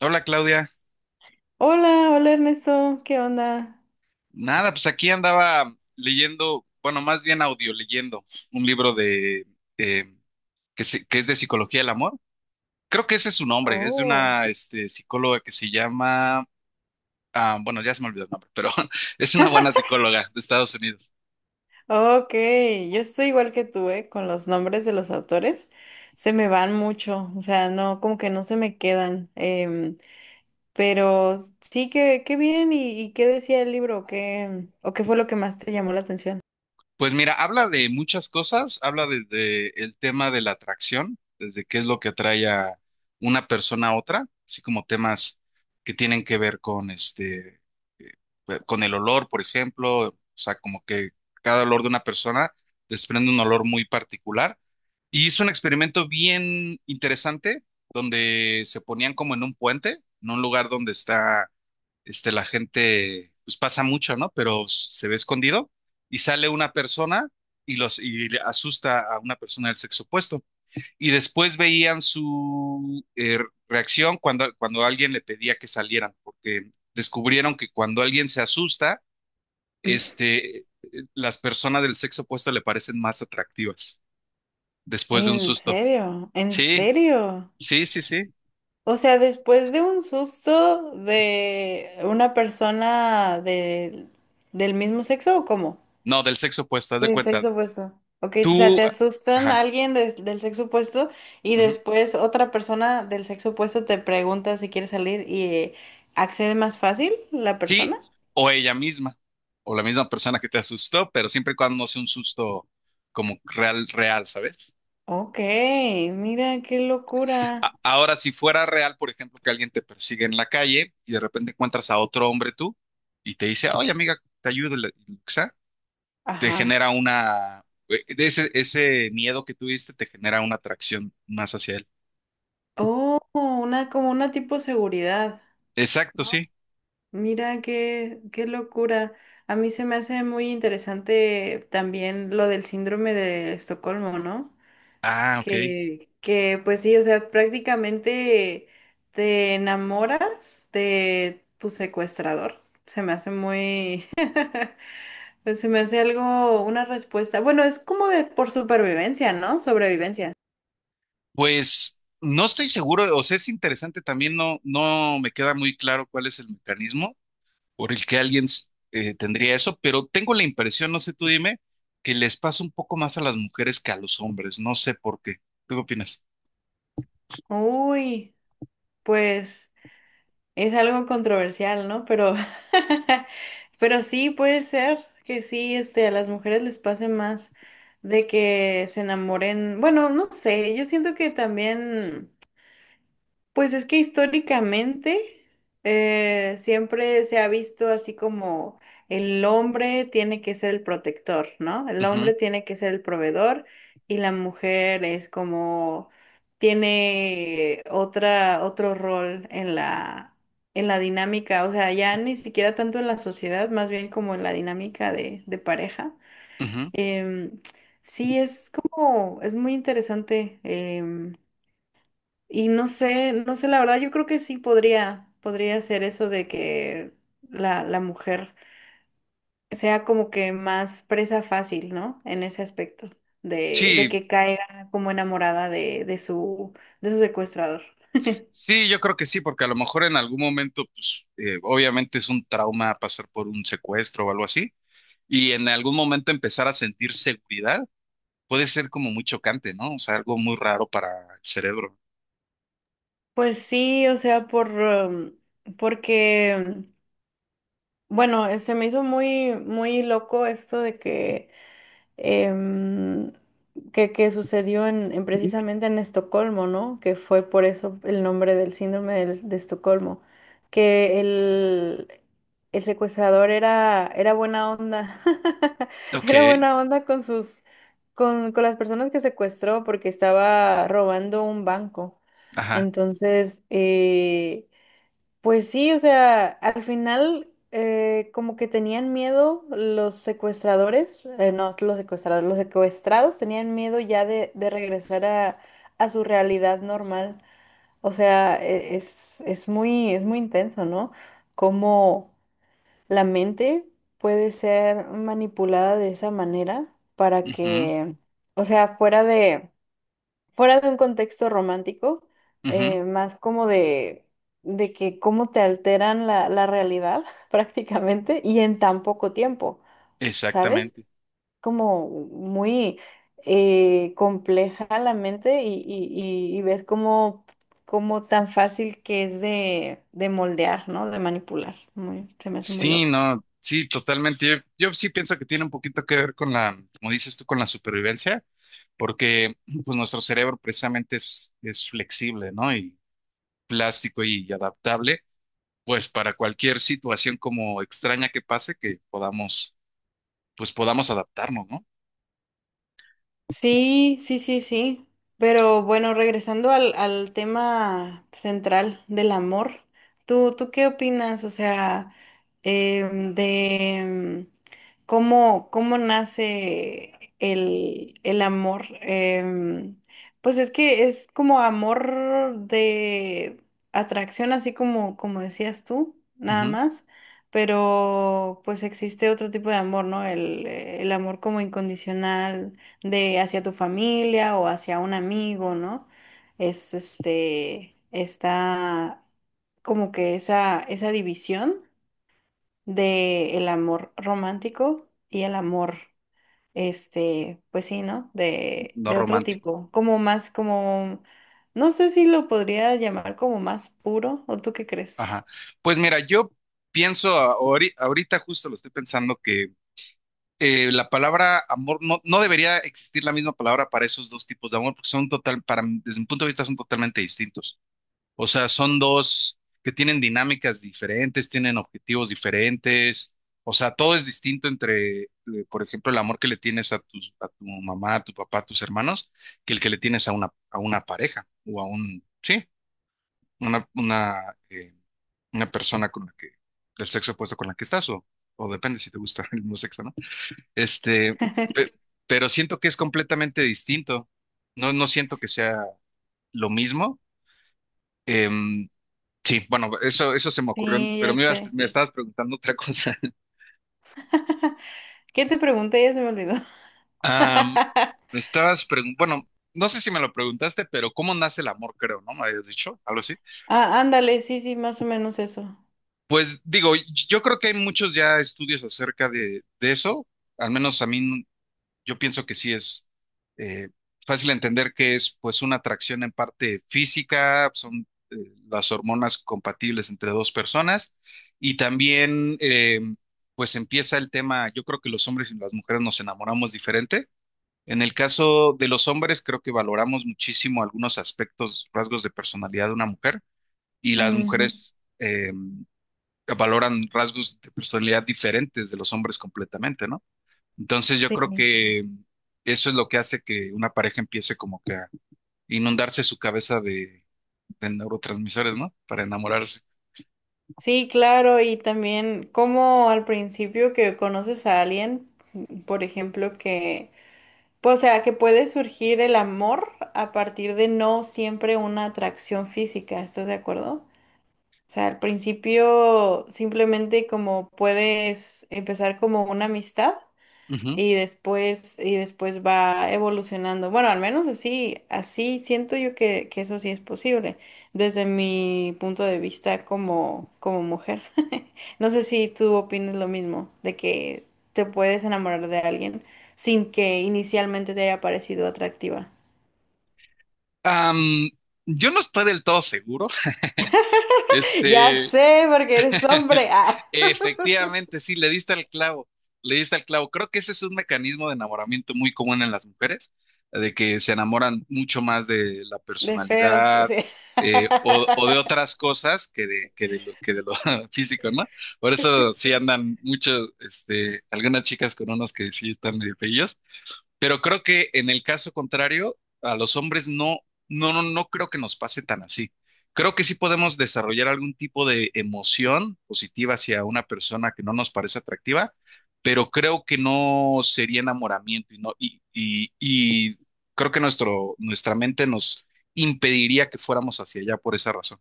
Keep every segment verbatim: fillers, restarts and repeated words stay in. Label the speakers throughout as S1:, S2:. S1: Hola, Claudia.
S2: Hola, hola Ernesto, ¿qué onda?
S1: Nada, pues aquí andaba leyendo, bueno, más bien audio leyendo un libro de eh, que, se- que es de psicología del amor. Creo que ese es su nombre, es de
S2: Oh.
S1: una este, psicóloga que se llama, ah, bueno, ya se me olvidó el nombre, pero es una buena psicóloga de Estados Unidos.
S2: Ok, yo estoy igual que tú, ¿eh? Con los nombres de los autores. Se me van mucho, o sea, no, como que no se me quedan. Em, pero sí que, qué bien, ¿y, y qué decía el libro? ¿Qué, o qué fue lo que más te llamó la atención?
S1: Pues mira, habla de muchas cosas, habla desde el tema de la atracción, desde qué es lo que atrae a una persona a otra, así como temas que tienen que ver con este eh, con el olor, por ejemplo. O sea, como que cada olor de una persona desprende un olor muy particular. Y hizo un experimento bien interesante donde se ponían como en un puente, en un lugar donde está, este, la gente pues pasa mucho, ¿no? Pero s- se ve escondido y sale una persona y los y le asusta a una persona del sexo opuesto, y después veían su eh, reacción cuando, cuando alguien le pedía que salieran, porque descubrieron que cuando alguien se asusta, este, eh, las personas del sexo opuesto le parecen más atractivas después
S2: Ay,
S1: de un
S2: ¿en
S1: susto.
S2: serio? ¿En
S1: Sí,
S2: serio?
S1: sí, sí, sí.
S2: O sea, después de un susto de una persona de- del mismo sexo, ¿o cómo?
S1: No, del sexo opuesto, haz de
S2: Del
S1: cuenta.
S2: sexo opuesto. Ok, o sea,
S1: Tú,
S2: te asustan a
S1: ajá,
S2: alguien des- del sexo opuesto y
S1: ujú.
S2: después otra persona del sexo opuesto te pregunta si quiere salir y eh, accede más fácil la
S1: Sí,
S2: persona.
S1: o ella misma, o la misma persona que te asustó, pero siempre y cuando no sea un susto como real, real, ¿sabes?
S2: Ok, mira qué locura.
S1: Ahora, si fuera real, por ejemplo, que alguien te persigue en la calle y de repente encuentras a otro hombre tú y te dice, oye, amiga, te ayudo, y lo que sea, te
S2: Ajá.
S1: genera una, eh, de ese, ese miedo que tuviste te genera una atracción más hacia él.
S2: Oh, una como una tipo seguridad,
S1: Exacto,
S2: ¿no?
S1: sí.
S2: Mira qué, qué locura. A mí se me hace muy interesante también lo del síndrome de Estocolmo, ¿no?
S1: Ah, ok.
S2: Que, que pues sí, o sea, prácticamente te enamoras de tu secuestrador. Se me hace muy, pues se me hace algo, una respuesta. Bueno, es como de por supervivencia, ¿no? Sobrevivencia.
S1: Pues no estoy seguro, o sea, es interesante también. No, no me queda muy claro cuál es el mecanismo por el que alguien eh, tendría eso, pero tengo la impresión, no sé, tú dime, que les pasa un poco más a las mujeres que a los hombres, no sé por qué. ¿Tú qué opinas?
S2: Uy, pues es algo controversial, ¿no? Pero, pero sí puede ser que sí, este, a las mujeres les pase más de que se enamoren. Bueno, no sé, yo siento que también. Pues es que históricamente eh, siempre se ha visto así como el hombre tiene que ser el protector, ¿no? El
S1: Ujú,
S2: hombre tiene que ser el proveedor y la mujer es como tiene otra, otro rol en la, en la dinámica, o sea, ya ni siquiera tanto en la sociedad, más bien como en la dinámica de, de pareja.
S1: ujú.
S2: Em, sí, es como, es muy interesante. Em, y no sé, no sé, la verdad, yo creo que sí podría, podría ser eso de que la, la mujer sea como que más presa fácil, ¿no? En ese aspecto, de, de
S1: Sí,
S2: que caiga como enamorada de, de su, de su secuestrador.
S1: sí, yo creo que sí, porque a lo mejor en algún momento, pues, eh, obviamente es un trauma pasar por un secuestro o algo así, y en algún momento empezar a sentir seguridad puede ser como muy chocante, ¿no? O sea, algo muy raro para el cerebro.
S2: Pues sí, o sea, por, em, porque, bueno, eh, se me hizo muy, muy loco esto de que em, que, que sucedió en, en precisamente en Estocolmo, ¿no? Que fue por eso el nombre del síndrome del- de Estocolmo, que el, el secuestrador era, era buena onda,
S1: Ok,
S2: era buena onda con sus, con, con las personas que secuestró porque estaba robando un banco.
S1: ajá.
S2: Entonces, eh, pues sí, o sea, al final eh, como que tenían miedo los secuestradores, eh, no, los secuestradores, los secuestrados tenían miedo ya de, de regresar a, a su realidad normal. O sea, e- es, es muy, es muy intenso, ¿no? Cómo la mente puede ser manipulada de esa manera para
S1: Ujú,
S2: que, o sea, fuera fuera de un contexto romántico,
S1: ujú.
S2: eh, más como de, de que cómo te alteran la, la realidad prácticamente y en tan poco tiempo, ¿sabes?
S1: Exactamente.
S2: Como muy eh, compleja la mente y, y- y- y ves cómo, cómo tan fácil que es de, de moldear, ¿no? De manipular. Muy, se me hace muy
S1: Sí,
S2: loco.
S1: no, sí, totalmente. Yo, yo sí pienso que tiene un poquito que ver con la, como dices tú, con la supervivencia, porque pues nuestro cerebro precisamente es, es flexible, ¿no? Y plástico y adaptable, pues para cualquier situación como extraña que pase, que podamos, pues podamos adaptarnos, ¿no?
S2: Sí, sí, sí, sí. Pero bueno, regresando al, al tema central del amor, ¿tú, tú qué opinas? O sea, em, de em, cómo, cómo nace el, el amor. Em, pues es que es como amor de atracción, así como, como decías tú, nada
S1: Ujú.
S2: más. Pero pues existe otro tipo de amor, ¿no? El, el amor como incondicional de hacia tu familia o hacia un amigo, ¿no? Es este, está como que esa, esa división de el amor romántico y el amor, este, pues sí, ¿no? De,
S1: No
S2: de otro
S1: romántico.
S2: tipo, como más, como, no sé si lo podría llamar como más puro, ¿o tú qué crees?
S1: Ajá. Pues mira, yo pienso ahori- ahorita justo lo estoy pensando que eh, la palabra amor no, no debería existir la misma palabra para esos dos tipos de amor porque son total, para mí, desde mi punto de vista son totalmente distintos. O sea, son dos que tienen dinámicas diferentes, tienen objetivos diferentes. O sea, todo es distinto entre, eh, por ejemplo, el amor que le tienes a tus, a tu mamá, a tu papá, a tus hermanos, que el que le tienes a una, a una pareja o a un, sí, una, una, eh, una persona con la que, del sexo opuesto con la que estás, o, o depende si te gusta el mismo sexo, ¿no? Este, pe- pero siento que es completamente distinto. No, no siento que sea lo mismo. Em, sí, bueno, eso, eso se me ocurrió,
S2: Sí,
S1: pero
S2: ya
S1: me ibas-
S2: sé.
S1: me estabas preguntando otra cosa.
S2: ¿Qué te pregunté? Ya se me olvidó.
S1: Am, Me estabas preguntando, bueno, no sé si me lo preguntaste, pero ¿cómo nace el amor? Creo, ¿no? Me habías dicho algo así.
S2: Ah, ándale, sí, sí, más o menos eso.
S1: Pues digo, yo creo que hay muchos ya estudios acerca de, de eso. Al menos a mí, yo pienso que sí es eh, fácil entender que es pues una atracción en parte física, son eh, las hormonas compatibles entre dos personas. Y también, eh, pues empieza el tema, yo creo que los hombres y las mujeres nos enamoramos diferente. En el caso de los hombres, creo que valoramos muchísimo algunos aspectos, rasgos de personalidad de una mujer, y las
S2: Ujú.
S1: mujeres eh, valoran rasgos de personalidad diferentes de los hombres completamente, ¿no? Entonces yo
S2: Sí.
S1: creo que eso es lo que hace que una pareja empiece como que a inundarse su cabeza de, de neurotransmisores, ¿no? Para enamorarse.
S2: Sí, claro, y también como al principio que conoces a alguien, por ejemplo, que, pues, o sea, que puede surgir el amor a partir de no siempre una atracción física, ¿estás de acuerdo? O sea, al principio simplemente como puedes empezar como una amistad
S1: Ujú.
S2: y después, y después va evolucionando. Bueno, al menos así, así siento yo que, que eso sí es posible, desde mi punto de vista como, como mujer. No sé si tú opinas lo mismo, de que te puedes enamorar de alguien sin que inicialmente te haya parecido atractiva.
S1: Am, yo no estoy del todo seguro.
S2: Ya
S1: Este,
S2: sé, porque eres hombre. Ah,
S1: efectivamente, sí, le diste al clavo, le diste al clavo. Creo que ese es un mecanismo de enamoramiento muy común en las mujeres, de que se enamoran mucho más de la
S2: de feos,
S1: personalidad,
S2: sí.
S1: eh, o, o de otras cosas que de, que de lo, que de lo físico, ¿no? Por eso sí andan muchos, este, algunas chicas con unos que sí están medio feillos, pero creo que en el caso contrario, a los hombres no, no, no, no creo que nos pase tan así. Creo que sí podemos desarrollar algún tipo de emoción positiva hacia una persona que no nos parece atractiva, pero creo que no sería enamoramiento y no, y, y, y creo que nuestro, nuestra mente nos impediría que fuéramos hacia allá por esa razón.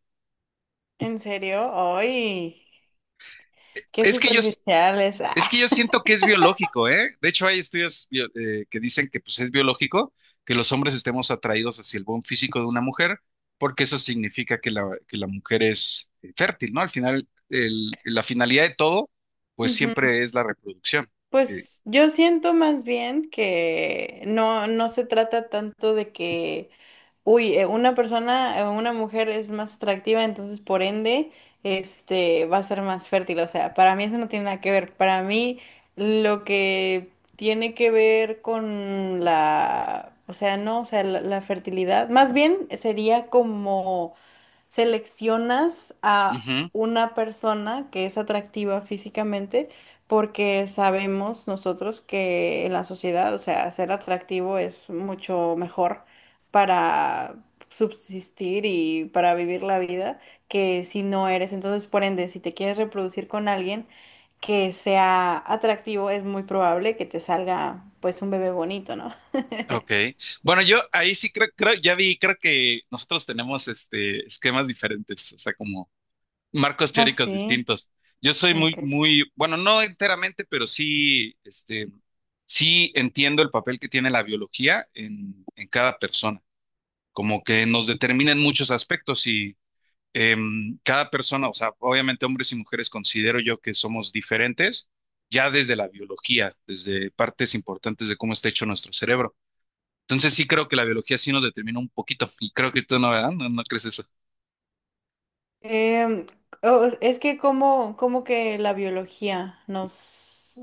S2: ¿En serio? ¡Ay! ¡Qué
S1: Es que yo,
S2: superficiales!
S1: Es
S2: Ah.
S1: que yo siento que es biológico, ¿eh? De hecho, hay estudios bio- eh, que dicen que pues es biológico que los hombres estemos atraídos hacia el buen físico de una mujer, porque eso significa que la, que la mujer es eh, fértil, ¿no? Al final, el- la finalidad de todo pues
S2: Ujú.
S1: siempre es la reproducción. Eh,
S2: Pues yo siento más bien que no, no se trata tanto de que, uy, eh, una persona, eh, una mujer es más atractiva, entonces por ende, este, va a ser más fértil. O sea, para mí eso no tiene nada que ver. Para mí lo que tiene que ver con la, o sea, no, o sea, la la fertilidad, más bien sería como seleccionas a
S1: ujú,
S2: una persona que es atractiva físicamente porque sabemos nosotros que en la sociedad, o sea, ser atractivo es mucho mejor para subsistir y para vivir la vida que si no eres. Entonces, por ende, si te quieres reproducir con alguien que sea atractivo, es muy probable que te salga pues un bebé bonito, ¿no?
S1: ok. Bueno, yo ahí sí creo, creo, ya vi, creo que nosotros tenemos este, esquemas diferentes, o sea, como marcos
S2: Ah,
S1: teóricos
S2: sí.
S1: distintos. Yo soy muy,
S2: Ok.
S1: muy, bueno, no enteramente, pero sí, este, sí entiendo el papel que tiene la biología en, en cada persona, como que nos determina en muchos aspectos. Y em, cada persona, o sea, obviamente hombres y mujeres considero yo que somos diferentes ya desde la biología, desde partes importantes de cómo está hecho nuestro cerebro. Entonces sí creo que la biología sí nos determina un poquito, y creo que tú no, ¿verdad? No, no crees eso.
S2: Em, o- es que como, como que la biología nos,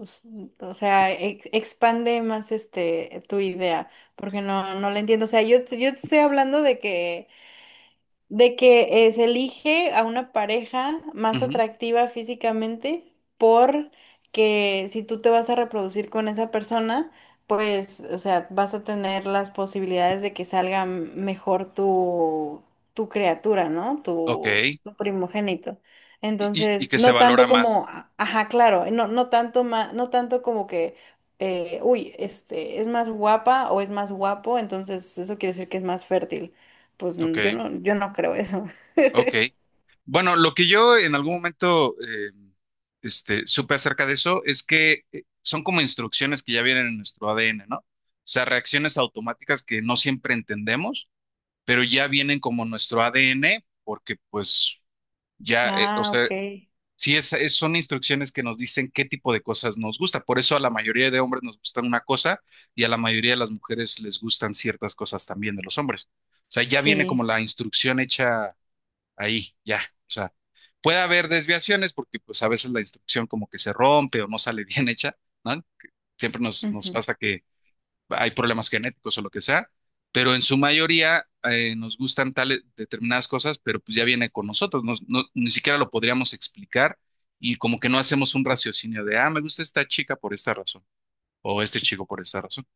S2: o sea, ex- expande más este tu idea, porque no, no la entiendo. O sea, yo, yo te estoy hablando de que de que eh, se elige a una pareja más
S1: Ujú.
S2: atractiva físicamente porque si tú te vas a reproducir con esa persona, pues, o sea, vas a tener las posibilidades de que salga mejor tu, tu criatura, ¿no?
S1: Ok.
S2: Tu,
S1: Y,
S2: tu primogénito.
S1: y- y
S2: Entonces,
S1: que se
S2: no tanto
S1: valora
S2: como,
S1: más.
S2: a- ajá, claro, no, no tanto ma- no tanto como que, eh, uy, este, es más guapa o es más guapo, entonces eso quiere decir que es más fértil. Pues
S1: Ok,
S2: n- yo no, yo no creo eso.
S1: ok. Bueno, lo que yo en algún momento eh, este, supe acerca de eso es que eh, son como instrucciones que ya vienen en nuestro A D N, ¿no? O sea, reacciones automáticas que no siempre entendemos, pero ya vienen como nuestro A D N, porque pues ya, eh, o
S2: Ah,
S1: sea,
S2: ok.
S1: sí es, es- son instrucciones que nos dicen qué tipo de cosas nos gusta. Por eso a la mayoría de hombres nos gustan una cosa, y a la mayoría de las mujeres les gustan ciertas cosas también de los hombres. O sea, ya viene como
S2: Sí.
S1: la instrucción hecha ahí, ya. O sea, puede haber desviaciones porque pues a veces la instrucción como que se rompe o no sale bien hecha, ¿no? Siempre nos, nos
S2: Ujú.
S1: pasa que hay problemas genéticos o lo que sea, pero en su mayoría, eh, nos gustan tales determinadas cosas, pero pues ya viene con nosotros, nos- no- ni siquiera lo podríamos explicar, y como que no hacemos un raciocinio de, ah, me gusta esta chica por esta razón o este chico por esta razón.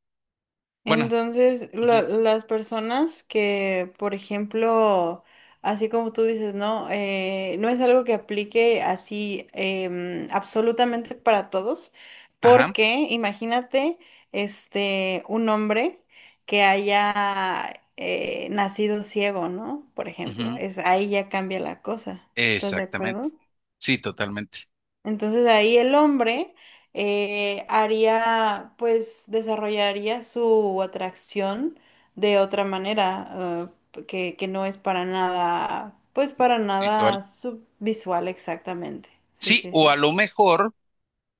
S1: Bueno,
S2: Entonces,
S1: ujú,
S2: la- las personas que, por ejemplo, así como tú dices, ¿no? Eh, no es algo que aplique así em, absolutamente para todos,
S1: ajá,
S2: porque imagínate, este, un hombre que haya eh, nacido ciego, ¿no? Por ejemplo,
S1: ujú,
S2: es, ahí ya cambia la cosa. ¿Estás de
S1: exactamente.
S2: acuerdo?
S1: Sí, totalmente.
S2: Entonces ahí el hombre eh, haría, pues desarrollaría su atracción de otra manera, eh, que, que no es para nada, pues para
S1: Visual.
S2: nada subvisual exactamente. Sí,
S1: Sí,
S2: sí,
S1: o
S2: sí.
S1: a lo mejor,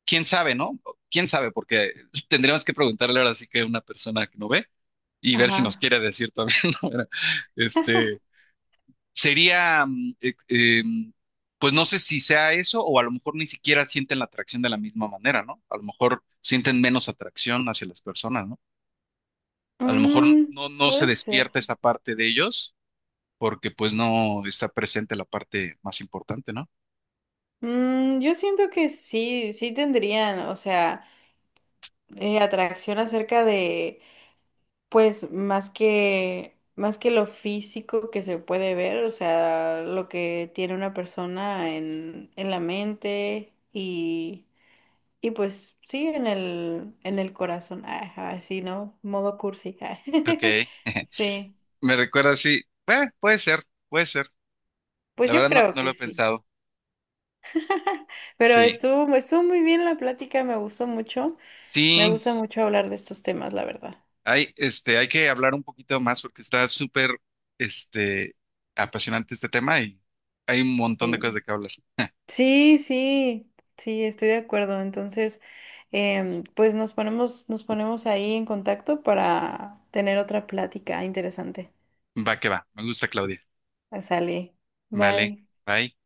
S1: quién sabe, ¿no? Quién sabe, porque tendríamos que preguntarle ahora sí que a una persona que no ve, y ver si nos
S2: Ajá.
S1: quiere decir también, ¿no? Era, Este, Sería, mm, eh, eh, mm, pues no sé si sea eso, o a lo mejor ni siquiera sienten la atracción de la misma manera, ¿no? A lo mejor sienten menos atracción hacia las personas, ¿no? A lo mejor
S2: Mm,
S1: no, no se
S2: puede ser.
S1: despierta esa parte de ellos porque pues no está presente la parte más importante, ¿no?
S2: Mm, yo siento que sí, sí tendrían, o sea, eh, atracción acerca de pues más que, más que lo físico que se puede ver, o sea, lo que tiene una persona en, en la mente y, y pues sí, en el, en el corazón, ajá, así, ¿no? Modo cursi. Ah.
S1: Ok.
S2: Sí,
S1: Me recuerda sí. Eh, puede ser, puede ser.
S2: pues
S1: La
S2: yo
S1: verdad no,
S2: creo
S1: no lo
S2: que
S1: he
S2: sí.
S1: pensado.
S2: Pero
S1: Sí,
S2: estuvo, estuvo muy bien la plática, me gustó mucho. Me
S1: sí.
S2: gusta mucho hablar de estos temas, la verdad.
S1: Hay, este, hay que hablar un poquito más porque está súper, este, apasionante este tema, y hay un montón de cosas
S2: Sí.
S1: de que hablar.
S2: Sí, sí, sí, estoy de acuerdo. Entonces, em, pues nos ponemos, nos ponemos ahí en contacto para tener otra plática interesante.
S1: Va que va. Me gusta, Claudia.
S2: Sale.
S1: Vale.
S2: Bye.
S1: Bye.